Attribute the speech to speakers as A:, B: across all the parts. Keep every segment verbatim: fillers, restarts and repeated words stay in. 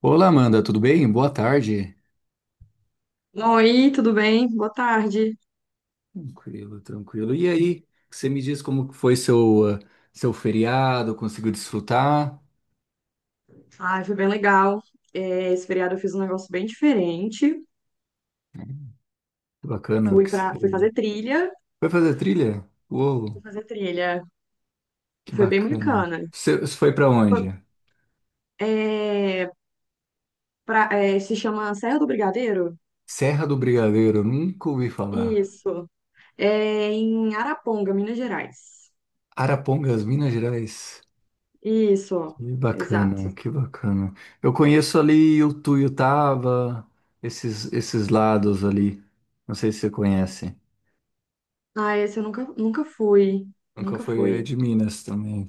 A: Olá, Amanda, tudo bem? Boa tarde.
B: Oi, tudo bem? Boa tarde.
A: Tranquilo, tranquilo. E aí, você me diz como que foi seu, ah, seu feriado? Conseguiu desfrutar?
B: Ai, foi bem legal. É, esse feriado eu fiz um negócio bem diferente.
A: Que bacana. O
B: Fui
A: que
B: para, fui
A: você-
B: fazer trilha.
A: Foi fazer trilha?
B: Fui
A: Uou,
B: fazer trilha.
A: que
B: Foi bem
A: bacana.
B: bacana.
A: Você, você foi para onde?
B: Foi- é, pra- é, se chama Serra do Brigadeiro?
A: Serra do Brigadeiro, nunca ouvi falar.
B: Isso. É em Araponga, Minas Gerais.
A: Arapongas, Minas Gerais.
B: Isso,
A: Que bacana,
B: exato.
A: que bacana. Eu conheço ali o Tuiutaba, esses, esses lados ali. Não sei se você conhece.
B: Ah, esse eu nunca, nunca fui.
A: Nunca
B: Nunca
A: foi é
B: fui.
A: de Minas também.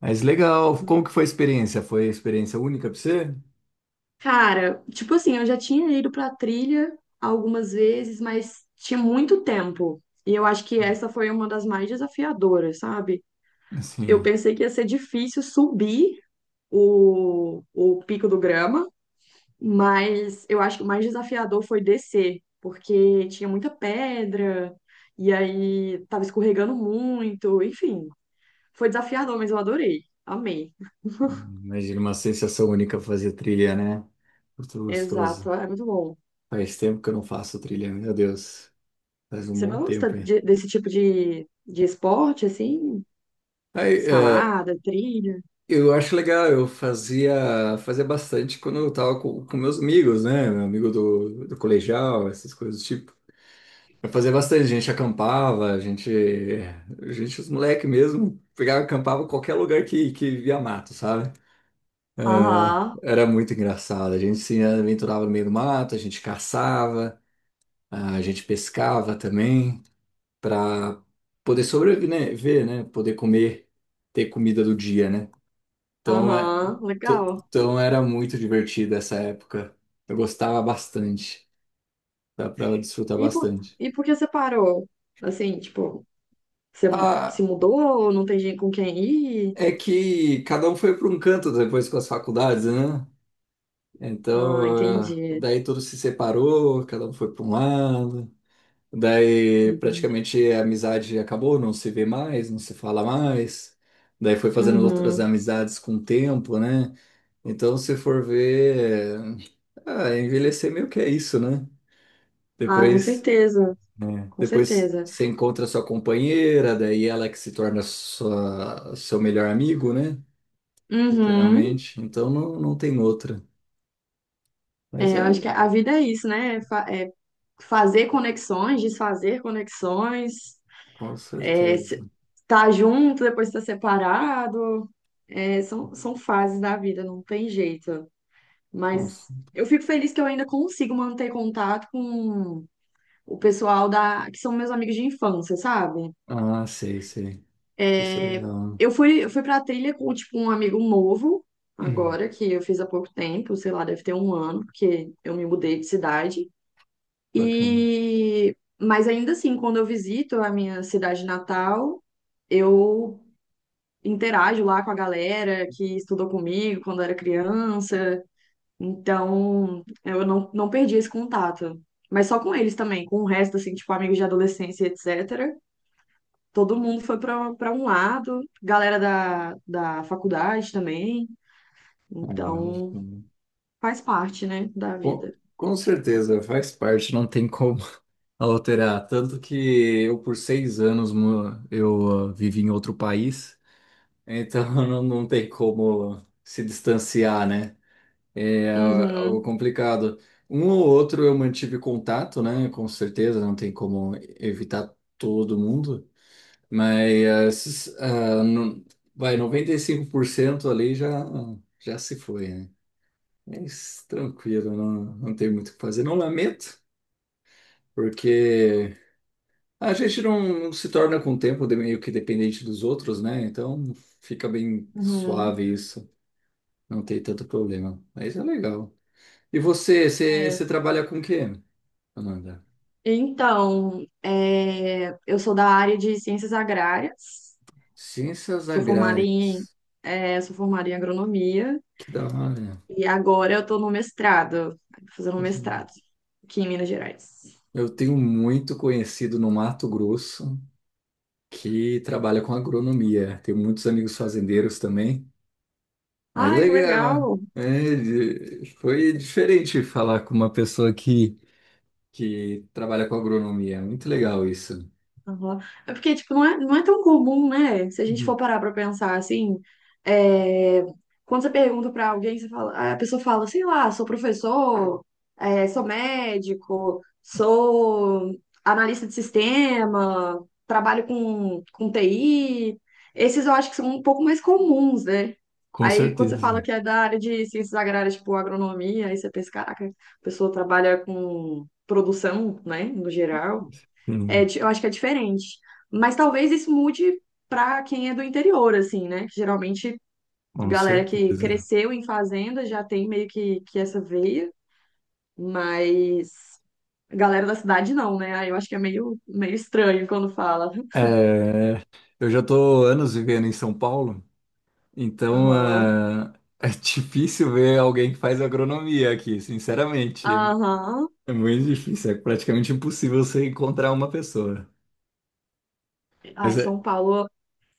A: Mas legal, como que foi a experiência? Foi experiência única para você?
B: Cara, tipo assim, eu já tinha ido pra trilha algumas vezes, mas tinha muito tempo. E eu acho que essa foi uma das mais desafiadoras, sabe? Eu
A: Assim,
B: pensei que ia ser difícil subir o, o Pico do Grama, mas eu acho que o mais desafiador foi descer, porque tinha muita pedra, e aí tava escorregando muito, enfim. Foi desafiador, mas eu adorei. Amei.
A: imagina uma sensação única fazer trilha, né? Muito gostoso.
B: Exato, é muito bom.
A: Faz tempo que eu não faço trilha, meu Deus. Faz um
B: Você
A: bom
B: gosta
A: tempo, hein?
B: de- desse tipo de, de esporte, assim?
A: Aí, é,
B: Escalada, trilha?
A: eu acho legal, eu fazia, fazia bastante quando eu tava com, com meus amigos, né? Meu amigo do, do colegial, essas coisas do tipo. Eu fazia bastante, a gente acampava, a gente, a gente, os moleque mesmo, pegava, acampava em qualquer lugar que, que via mato, sabe?
B: Aham,
A: Era muito engraçado. A gente se aventurava no meio do mato, a gente caçava, a gente pescava também para poder sobreviver, né? Poder comer, ter comida do dia, né? Então, é,
B: aham,
A: t-
B: legal.
A: então era muito divertido essa época. Eu gostava bastante. Dá para desfrutar
B: E por,
A: bastante.
B: e por que você parou? Assim, tipo, você mu- se
A: Ah,
B: mudou, não tem gente com quem ir?
A: é que cada um foi para um canto depois com as faculdades, né?
B: Ah,
A: Então, ah,
B: entendi,
A: daí tudo se separou, cada um foi para um lado. Daí
B: entendi.
A: praticamente a amizade acabou, não se vê mais, não se fala mais. Daí foi fazendo outras
B: Uhum.
A: amizades com o tempo, né? Então, se for ver, é, ah, envelhecer meio que é isso, né?
B: Ah, com
A: Depois,
B: certeza, com
A: depois
B: certeza.
A: você encontra sua companheira, daí ela que se torna sua, seu melhor amigo, né?
B: Uhum.
A: Literalmente. Então não, não tem outra. Mas
B: É, eu acho que
A: é,
B: a vida é isso, né? É fa- é fazer conexões, desfazer conexões.
A: com
B: É,
A: certeza.
B: se- Tá junto, depois tá separado. É, são, são fases da vida, não tem jeito.
A: Com...
B: Mas
A: cer-
B: eu fico feliz que eu ainda consigo manter contato com o pessoal da, que são meus amigos de infância, sabe?
A: Ah, sei, sei. Isso é
B: É,
A: legal.
B: Eu fui, eu fui pra trilha com, tipo, um amigo novo,
A: Hum,
B: agora, que eu fiz há pouco tempo, sei lá, deve ter um ano, porque eu me mudei de cidade.
A: bacana.
B: E... mas ainda assim, quando eu visito a minha cidade natal, eu interajo lá com a galera que estudou comigo quando era criança. Então, eu não, não perdi esse contato. Mas só com eles também, com o resto, assim, tipo, amigos de adolescência, et cetera. Todo mundo foi para para um lado, galera da, da faculdade também.
A: Ah, não,
B: Então, faz parte, né, da vida.
A: Com, com certeza, faz parte, não tem como alterar. Tanto que eu, por seis anos, mo- eu ah, vivi em outro país, então não, não tem como se distanciar, né? É ah, algo
B: Uhum,
A: complicado. Um ou outro eu mantive contato, né? Com certeza, não tem como evitar todo mundo, mas ah, não, vai, noventa e cinco por cento ali já, já se foi, né? Mas tranquilo, não, não tem muito o que fazer. Não lamento. Porque a gente não se torna com o tempo de- meio que dependente dos outros, né? Então fica bem
B: uhum.
A: suave isso, não tem tanto problema. Mas é legal. E você, você,
B: É.
A: você trabalha com o quê, Amanda?
B: Então, é, eu sou da área de ciências agrárias,
A: Ciências
B: sou formada em,
A: agrárias.
B: é, sou formada em agronomia.
A: Que da hora.
B: E agora eu tô no mestrado, fazendo um mestrado aqui em Minas Gerais.
A: Eu tenho muito conhecido no Mato Grosso que trabalha com agronomia. Tenho muitos amigos fazendeiros também. Mas
B: Ai, que
A: legal. Né?
B: legal!
A: É, de- foi diferente falar com uma pessoa que que trabalha com agronomia. É muito legal isso.
B: Aham. É porque, tipo, não é, não é tão comum, né? Se a gente for
A: Uhum.
B: parar pra pensar assim, é, quando você pergunta pra alguém, você fala, a pessoa fala, sei lá, sou professor, é, sou médico, sou analista de sistema, trabalho com, com T I. Esses eu acho que são um pouco mais comuns, né?
A: Com
B: Aí, quando você fala
A: certeza.
B: que é da área de ciências agrárias, tipo agronomia, aí você pensa, caraca, a pessoa trabalha com produção, né, no geral. É,
A: Sim,
B: di- eu acho que é diferente. Mas talvez isso mude para quem é do interior, assim, né? Que geralmente,
A: com
B: galera que
A: certeza.
B: cresceu em fazenda já tem meio que, que essa veia, mas a galera da cidade não, né? Aí eu acho que é meio, meio estranho quando fala.
A: É, eu já estou anos vivendo em São Paulo, então
B: Aham,
A: é, é difícil ver alguém que faz agronomia aqui, sinceramente.
B: aham.
A: É muito difícil, é praticamente impossível você encontrar uma pessoa.
B: Ai,
A: Mas é
B: São Paulo.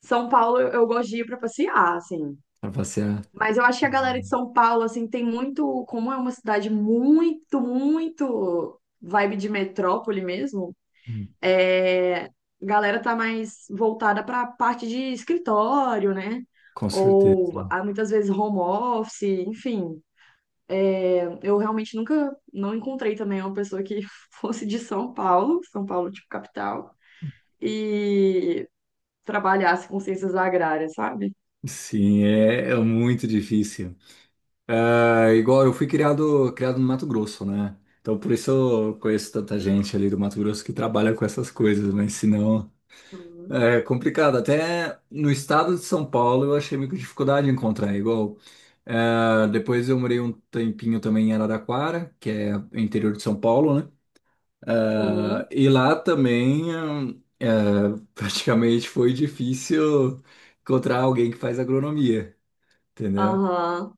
B: São Paulo eu eu gosto de ir para passear, assim.
A: para passear.
B: Mas eu acho que a galera de São Paulo, assim, tem muito. Como é uma cidade muito, muito vibe de metrópole mesmo.
A: Uhum.
B: É, a galera tá mais voltada para a parte de escritório, né?
A: Com certeza.
B: Ou há muitas vezes home office, enfim. É, eu realmente nunca não encontrei também uma pessoa que fosse de São Paulo, São Paulo tipo capital, e trabalhasse com ciências agrárias, sabe?
A: Sim, é, é muito difícil. É, igual eu fui criado, criado no Mato Grosso, né? Então por isso eu conheço tanta gente ali do Mato Grosso que trabalha com essas coisas, mas senão
B: Uhum.
A: é complicado. Até no estado de São Paulo eu achei meio que dificuldade de encontrar, igual. É, depois eu morei um tempinho também em Araraquara, que é interior de São Paulo, né?
B: Uhum.
A: É, e lá também é, praticamente foi difícil encontrar alguém que faz agronomia, entendeu?
B: Aham.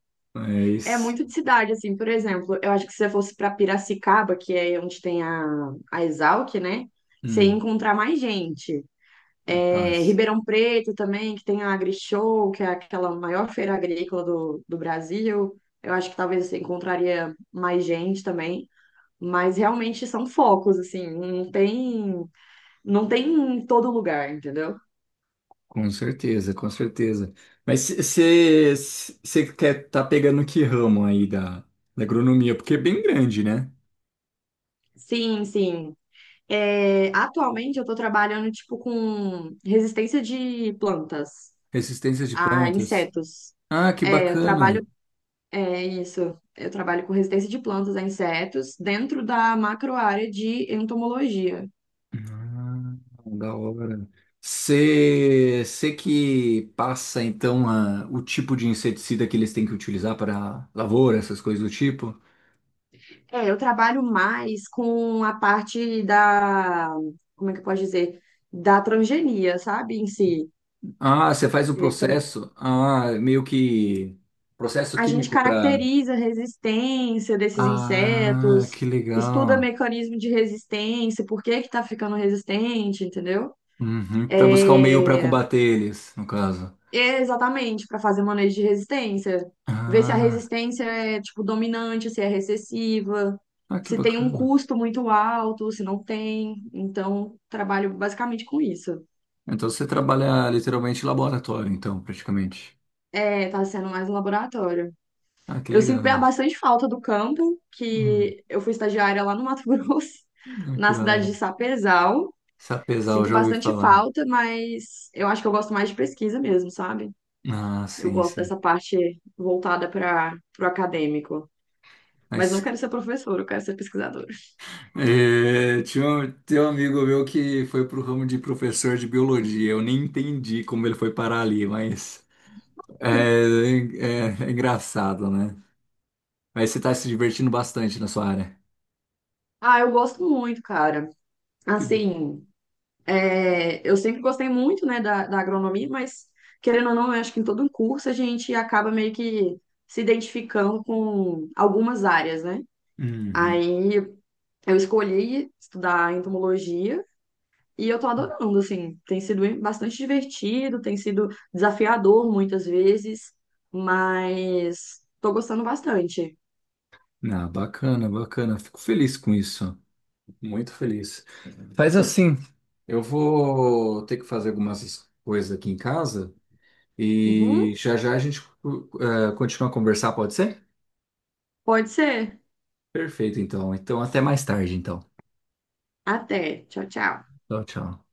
B: É
A: Mas,
B: muito de cidade, assim, por exemplo, eu acho que se você fosse para Piracicaba, que é onde tem a, a Exalc, né? Você ia
A: hum,
B: encontrar mais gente. É,
A: capaz.
B: Ribeirão Preto também, que tem a AgriShow, que é aquela maior feira agrícola do, do Brasil. Eu acho que talvez você encontraria mais gente também, mas realmente são focos, assim, não tem, não tem em todo lugar, entendeu?
A: Com certeza, com certeza. Mas você quer estar pegando que ramo aí da, da agronomia? Porque é bem grande, né?
B: Sim, sim. É, atualmente eu estou trabalhando, tipo, com resistência de plantas
A: Resistência de
B: a
A: plantas.
B: insetos.
A: Ah, que
B: É, eu
A: bacana.
B: trabalho É isso. Eu trabalho com resistência de plantas a insetos dentro da macroárea de entomologia.
A: Ah, da hora. Você que passa, então, a- o tipo de inseticida que eles têm que utilizar para lavoura, essas coisas do tipo?
B: É, eu trabalho mais com a parte da, como é que eu posso dizer? Da transgenia, sabe, em si.
A: Ah, você faz o
B: É, tra-
A: processo. Ah, meio que processo
B: A gente
A: químico para...
B: caracteriza a resistência desses
A: Ah,
B: insetos,
A: que
B: estuda
A: legal.
B: mecanismo de resistência, por que que tá ficando resistente, entendeu?
A: Uhum, para buscar um meio para
B: É,
A: combater eles, no caso.
B: É, exatamente, para fazer manejo de resistência. Ver se a
A: Ah,
B: resistência é, tipo, dominante, se é recessiva,
A: ah, que
B: se tem um
A: bacana.
B: custo muito alto, se não tem. Então, trabalho basicamente com isso.
A: Então você trabalha literalmente em laboratório, então, praticamente.
B: É, tá sendo mais um laboratório.
A: Ah, que
B: Eu sinto
A: legal.
B: bastante falta do campo,
A: Hum,
B: que eu fui estagiária lá no Mato Grosso,
A: ah, que
B: na
A: da
B: cidade
A: hora.
B: de Sapezal.
A: Sapezal,
B: Sinto
A: já ouvi
B: bastante
A: falar.
B: falta, mas eu acho que eu gosto mais de pesquisa mesmo, sabe?
A: Ah,
B: Eu
A: sim,
B: gosto
A: sim.
B: dessa parte voltada para o acadêmico. Mas não
A: Mas
B: quero ser professora, eu quero ser pesquisadora.
A: é, tinha, um, tem um amigo meu que foi pro ramo de professor de biologia. Eu nem entendi como ele foi parar ali, mas é, é, é engraçado, né? Mas você tá se divertindo bastante na sua área.
B: Ah, eu gosto muito, cara.
A: Que bom.
B: Assim, é, eu sempre gostei muito, né, da, da agronomia, mas querendo ou não, eu acho que em todo um curso a gente acaba meio que se identificando com algumas áreas, né?
A: Uhum.
B: Aí eu escolhi estudar entomologia e eu tô adorando, assim, tem sido bastante divertido, tem sido desafiador muitas vezes, mas tô gostando bastante.
A: Ah, bacana, bacana. Fico feliz com isso. Muito feliz. Faz assim, eu vou ter que fazer algumas coisas aqui em casa e
B: Uhum,
A: já já a gente uh, continua a conversar, pode ser?
B: pode ser.
A: Perfeito, então. Então, até mais tarde, então.
B: Até. Tchau, tchau.
A: Tchau, tchau.